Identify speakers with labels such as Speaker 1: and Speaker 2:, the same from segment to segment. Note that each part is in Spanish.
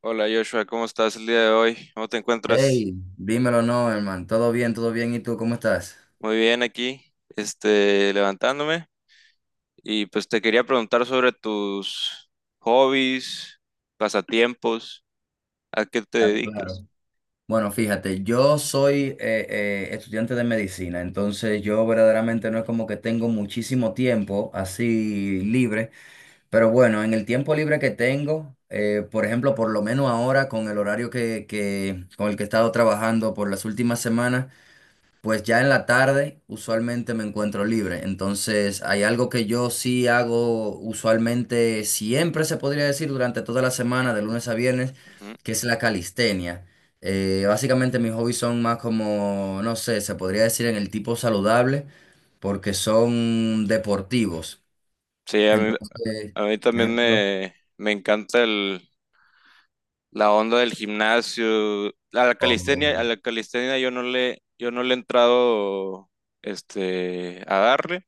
Speaker 1: Hola Joshua, ¿cómo estás el día de hoy? ¿Cómo te encuentras?
Speaker 2: Hey, dímelo, no, hermano. Todo bien, todo bien. ¿Y tú cómo estás?
Speaker 1: Muy bien aquí, levantándome. Y pues te quería preguntar sobre tus hobbies, pasatiempos, a qué te
Speaker 2: Claro,
Speaker 1: dedicas.
Speaker 2: claro. Bueno, fíjate, yo soy estudiante de medicina, entonces yo verdaderamente no es como que tengo muchísimo tiempo así libre, pero bueno, en el tiempo libre que tengo, por ejemplo, por lo menos ahora con el horario con el que he estado trabajando por las últimas semanas, pues ya en la tarde usualmente me encuentro libre, entonces hay algo que yo sí hago usualmente, siempre se podría decir durante toda la semana, de lunes a viernes,
Speaker 1: Ujú.
Speaker 2: que es la calistenia. Básicamente mis hobbies son más como, no sé, se podría decir en el tipo saludable, porque son deportivos.
Speaker 1: Sí, a mí,
Speaker 2: Entonces,
Speaker 1: a mí
Speaker 2: por
Speaker 1: también
Speaker 2: ejemplo,
Speaker 1: me encanta la onda del gimnasio. A
Speaker 2: o-
Speaker 1: la calistenia yo no le he entrado a darle.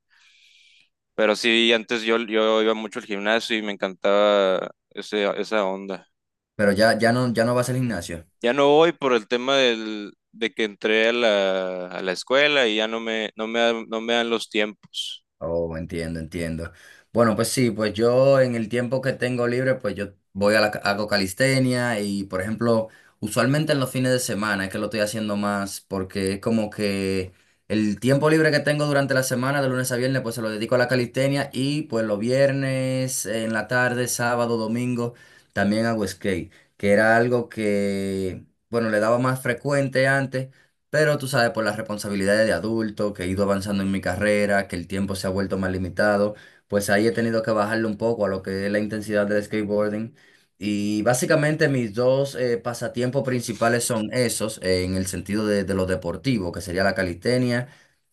Speaker 1: Pero sí, antes yo iba mucho al gimnasio y me encantaba esa onda.
Speaker 2: pero ya, ya no, ya no vas al gimnasio.
Speaker 1: Ya no voy por el tema de que entré a a la escuela y ya no me dan los tiempos.
Speaker 2: Oh, entiendo, entiendo. Bueno, pues sí, pues yo en el tiempo que tengo libre, pues yo voy a hago calistenia y, por ejemplo, usualmente en los fines de semana es que lo estoy haciendo más porque es como que el tiempo libre que tengo durante la semana, de lunes a viernes, pues se lo dedico a la calistenia y pues los viernes en la tarde, sábado, domingo, también hago skate, que era algo que, bueno, le daba más frecuente antes. Pero tú sabes, por las responsabilidades de adulto, que he ido avanzando en mi carrera, que el tiempo se ha vuelto más limitado, pues ahí he tenido que bajarle un poco a lo que es la intensidad del skateboarding. Y básicamente mis dos pasatiempos principales son esos, en el sentido de lo deportivo, que sería la calistenia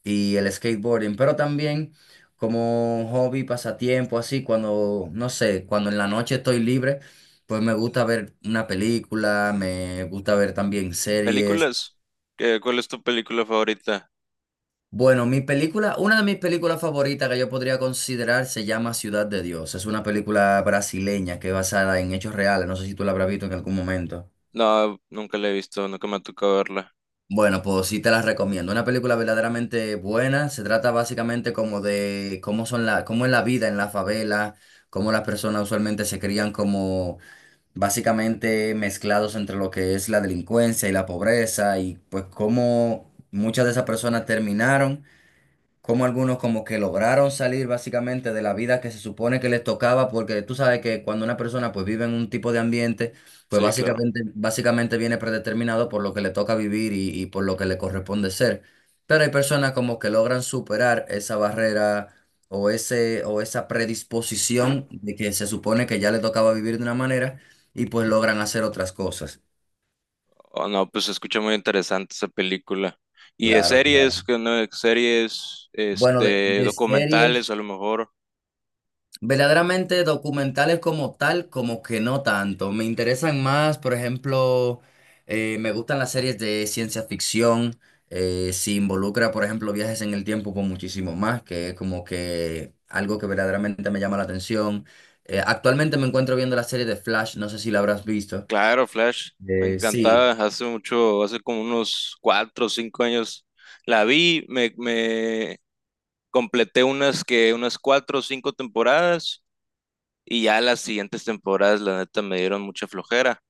Speaker 2: y el skateboarding, pero también como hobby, pasatiempo, así, cuando, no sé, cuando en la noche estoy libre, pues me gusta ver una película, me gusta ver también series.
Speaker 1: ¿Películas? ¿Cuál es tu película favorita?
Speaker 2: Bueno, mi película, una de mis películas favoritas que yo podría considerar se llama Ciudad de Dios. Es una película brasileña que es basada en hechos reales. No sé si tú la habrás visto en algún momento.
Speaker 1: No, nunca la he visto, nunca me ha tocado verla.
Speaker 2: Bueno, pues sí te la recomiendo. Una película verdaderamente buena. Se trata básicamente como de cómo son cómo es la vida en la favela, cómo las personas usualmente se crían como básicamente mezclados entre lo que es la delincuencia y la pobreza y pues cómo muchas de esas personas terminaron, como algunos como que lograron salir básicamente de la vida que se supone que les tocaba, porque tú sabes que cuando una persona pues vive en un tipo de ambiente, pues
Speaker 1: Sí, claro.
Speaker 2: básicamente, básicamente viene predeterminado por lo que le toca vivir y por lo que le corresponde ser. Pero hay personas como que logran superar esa barrera o esa predisposición de que se supone que ya le tocaba vivir de una manera y pues logran hacer otras cosas.
Speaker 1: Oh, no, pues se escucha muy interesante esa película. Y de
Speaker 2: Claro, claro.
Speaker 1: series, que no, series,
Speaker 2: Bueno, de series.
Speaker 1: documentales a lo mejor.
Speaker 2: Verdaderamente documentales como tal, como que no tanto. Me interesan más, por ejemplo, me gustan las series de ciencia ficción, si involucra, por ejemplo, viajes en el tiempo con muchísimo más, que es como que algo que verdaderamente me llama la atención. Actualmente me encuentro viendo la serie de Flash, no sé si la habrás visto.
Speaker 1: Claro, Flash, me
Speaker 2: Eh, sí,
Speaker 1: encantaba hace mucho, hace como unos 4 o 5 años la vi, me completé unas 4 o 5 temporadas y ya las siguientes temporadas la neta me dieron mucha flojera,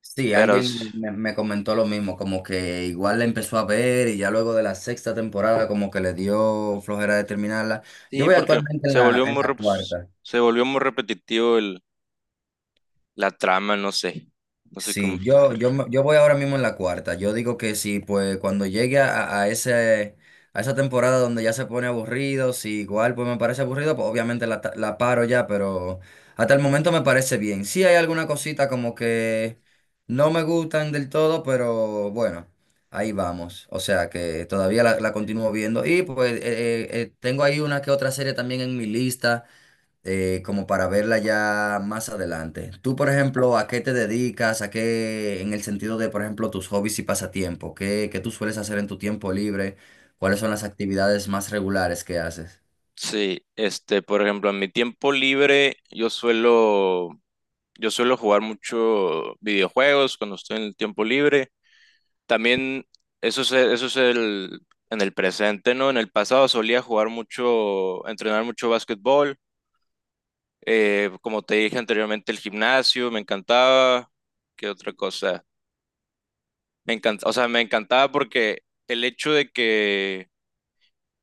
Speaker 2: Sí,
Speaker 1: pero s-
Speaker 2: alguien me comentó lo mismo, como que igual la empezó a ver y ya luego de la sexta temporada como que le dio flojera de terminarla. Yo
Speaker 1: sí,
Speaker 2: voy
Speaker 1: porque
Speaker 2: actualmente en en la cuarta.
Speaker 1: se volvió muy repetitivo el la trama, no sé, no sé cómo
Speaker 2: Sí,
Speaker 1: explicarlo.
Speaker 2: yo voy ahora mismo en la cuarta. Yo digo que sí, pues cuando llegue a ese, a esa temporada donde ya se pone aburrido, si igual pues me parece aburrido, pues obviamente la paro ya, pero hasta el momento me parece bien. Sí hay alguna cosita como que no me gustan del todo, pero bueno, ahí vamos. O sea que todavía la continúo viendo. Y pues tengo ahí una que otra serie también en mi lista como para verla ya más adelante. Tú, por ejemplo, ¿a qué te dedicas? ¿A qué, en el sentido de, por ejemplo, tus hobbies y pasatiempos? ¿Qué, qué tú sueles hacer en tu tiempo libre? ¿Cuáles son las actividades más regulares que haces?
Speaker 1: Sí, por ejemplo, en mi tiempo libre yo suelo jugar mucho videojuegos cuando estoy en el tiempo libre. También eso es en el presente, ¿no? En el pasado solía jugar mucho, entrenar mucho básquetbol. Como te dije anteriormente, el gimnasio me encantaba. ¿Qué otra cosa? Me encantaba porque el hecho de que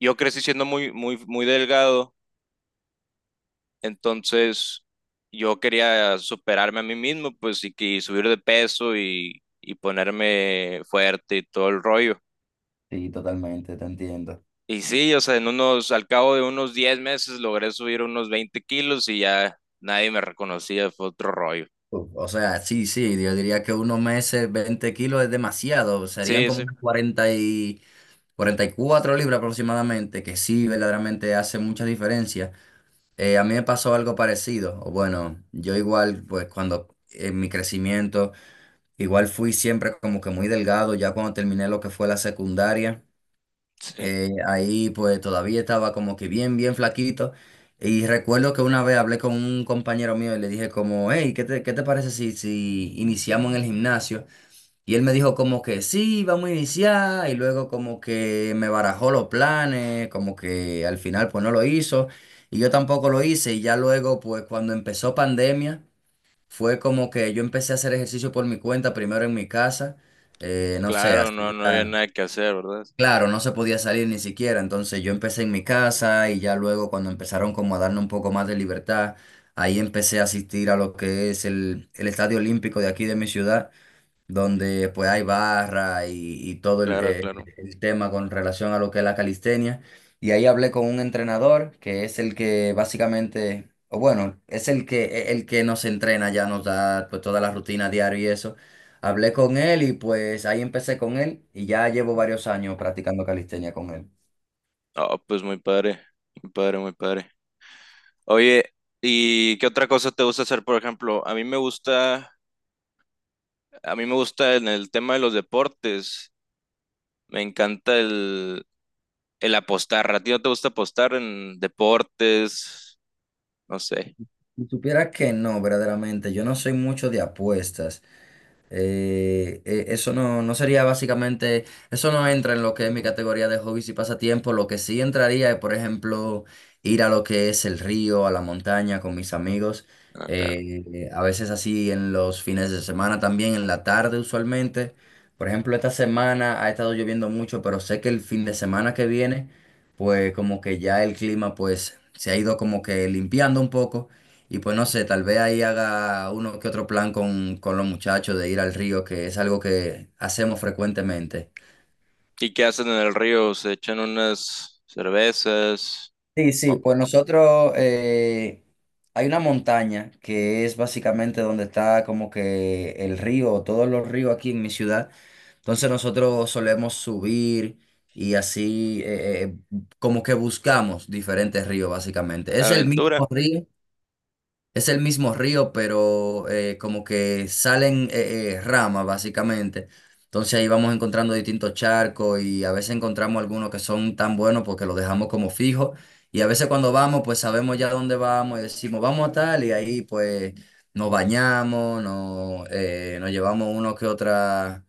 Speaker 1: yo crecí siendo muy delgado. Entonces, yo quería superarme a mí mismo, pues, y subir de peso y ponerme fuerte y todo el rollo.
Speaker 2: Sí, totalmente, te entiendo.
Speaker 1: Y sí, o sea, al cabo de unos 10 meses logré subir unos 20 kilos y ya nadie me reconocía, fue otro rollo.
Speaker 2: Uf, o sea, sí, sí, yo diría que unos meses, 20 kilos es demasiado, serían
Speaker 1: Sí,
Speaker 2: como
Speaker 1: sí,
Speaker 2: unas 44 libras aproximadamente, que sí, verdaderamente hace mucha diferencia. A mí me pasó algo parecido. O bueno, yo igual, pues cuando en mi crecimiento, igual fui siempre como que muy delgado, ya cuando terminé lo que fue la secundaria,
Speaker 1: sí.
Speaker 2: ahí pues todavía estaba como que bien, bien flaquito. Y recuerdo que una vez hablé con un compañero mío y le dije como, hey, qué te parece si iniciamos en el gimnasio? Y él me dijo como que sí, vamos a iniciar, y luego como que me barajó los planes, como que al final pues no lo hizo, y yo tampoco lo hice, y ya luego pues cuando empezó pandemia, fue como que yo empecé a hacer ejercicio por mi cuenta, primero en mi casa, no sé,
Speaker 1: Claro, no, no había
Speaker 2: hacía,
Speaker 1: nada que hacer, ¿verdad?
Speaker 2: claro, no se podía salir ni siquiera, entonces yo empecé en mi casa, y ya luego cuando empezaron como a darme un poco más de libertad, ahí empecé a asistir a lo que es el Estadio Olímpico de aquí de mi ciudad donde pues hay barra y todo
Speaker 1: Claro, claro.
Speaker 2: el tema con relación a lo que es la calistenia. Y ahí hablé con un entrenador que es el que básicamente, o bueno, es el el que nos entrena, ya nos da pues toda la rutina diaria y eso. Hablé con él y pues ahí empecé con él y ya llevo varios años practicando calistenia con él.
Speaker 1: Ah, pues muy padre, muy padre, muy padre. Oye, ¿y qué otra cosa te gusta hacer, por ejemplo? A mí me gusta en el tema de los deportes. Me encanta el apostar. ¿A ti no te gusta apostar en deportes? No sé.
Speaker 2: Si supieras que no, verdaderamente, yo no soy mucho de apuestas. Eso no, no sería básicamente, eso no entra en lo que es mi categoría de hobbies y pasatiempos. Lo que sí entraría es, por ejemplo, ir a lo que es el río, a la montaña con mis amigos.
Speaker 1: Ah, claro.
Speaker 2: A veces así en los fines de semana también, en la tarde usualmente. Por ejemplo, esta semana ha estado lloviendo mucho, pero sé que el fin de semana que viene, pues como que ya el clima pues se ha ido como que limpiando un poco. Y pues no sé, tal vez ahí haga uno que otro plan con los muchachos de ir al río, que es algo que hacemos frecuentemente.
Speaker 1: ¿Y qué hacen en el río? ¿Se echan unas cervezas?
Speaker 2: Sí, sí,
Speaker 1: Oh,
Speaker 2: pues nosotros hay una montaña que es básicamente donde está como que el río, todos los ríos aquí en mi ciudad. Entonces nosotros solemos subir y así como que buscamos diferentes ríos básicamente. Es el
Speaker 1: aventura.
Speaker 2: mismo río, es el mismo río, pero como que salen ramas, básicamente. Entonces ahí vamos encontrando distintos charcos y a veces encontramos algunos que son tan buenos porque los dejamos como fijos. Y a veces cuando vamos, pues sabemos ya dónde vamos y decimos, vamos a tal, y ahí pues nos bañamos, nos llevamos uno que otra,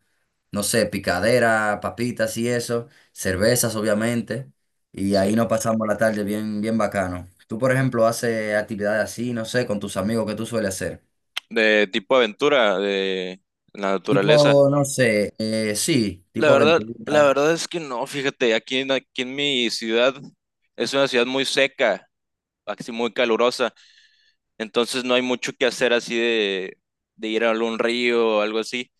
Speaker 2: no sé, picadera, papitas y eso, cervezas, obviamente. Y
Speaker 1: Sí.
Speaker 2: ahí nos pasamos la tarde bien, bien bacano. Tú, por ejemplo, haces actividades así, no sé, con tus amigos, ¿qué tú sueles hacer?
Speaker 1: De tipo aventura, de la naturaleza.
Speaker 2: Tipo, no sé, sí,
Speaker 1: La
Speaker 2: tipo
Speaker 1: verdad, la
Speaker 2: aventura.
Speaker 1: verdad es que no, fíjate, aquí en mi ciudad es una ciudad muy seca, así muy calurosa, entonces no hay mucho que hacer de ir a algún río o algo así,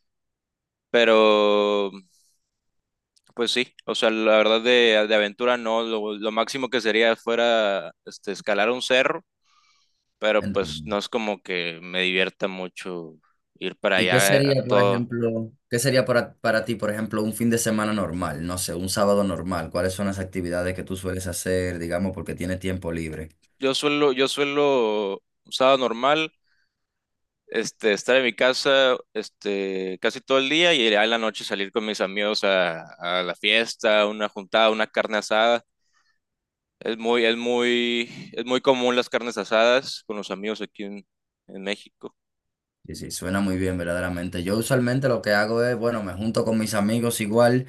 Speaker 1: pero pues sí, o sea, la verdad de aventura no, lo máximo que sería fuera escalar un cerro, pero pues
Speaker 2: Entiendo.
Speaker 1: no es como que me divierta mucho ir para
Speaker 2: ¿Y qué
Speaker 1: allá
Speaker 2: sería, por
Speaker 1: todo.
Speaker 2: ejemplo, qué sería para ti, por ejemplo, un fin de semana normal? No sé, un sábado normal. ¿Cuáles son las actividades que tú sueles hacer, digamos, porque tienes tiempo libre?
Speaker 1: Yo suelo, un sábado normal, estar en mi casa, casi todo el día y ya en la noche salir con mis amigos a la fiesta, una juntada, una carne asada. Es muy común las carnes asadas con los amigos en México.
Speaker 2: Sí, sí, suena muy bien, verdaderamente. Yo usualmente lo que hago es, bueno, me junto con mis amigos igual.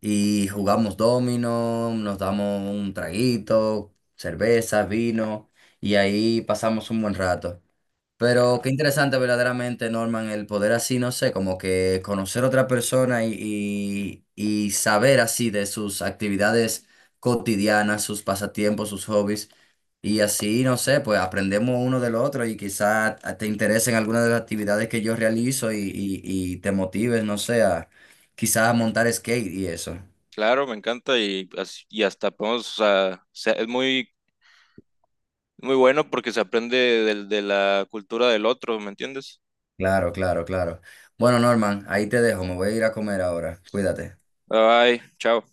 Speaker 2: Y jugamos dominó, nos damos un traguito, cerveza, vino, y ahí pasamos un buen rato. Pero qué interesante verdaderamente, Norman, el poder así, no sé, como que conocer a otra persona y saber así de sus actividades cotidianas, sus pasatiempos, sus hobbies. Y así, no sé, pues aprendemos uno del otro y quizá te interesen algunas de las actividades que yo realizo y te motives, no sé, a quizá montar skate y eso.
Speaker 1: Claro, me encanta y hasta podemos, es muy, muy bueno porque se aprende de la cultura del otro, ¿me entiendes?
Speaker 2: Claro, claro, claro. Bueno, Norman, ahí te dejo, me voy a ir a comer ahora. Cuídate.
Speaker 1: Bye, bye, chao.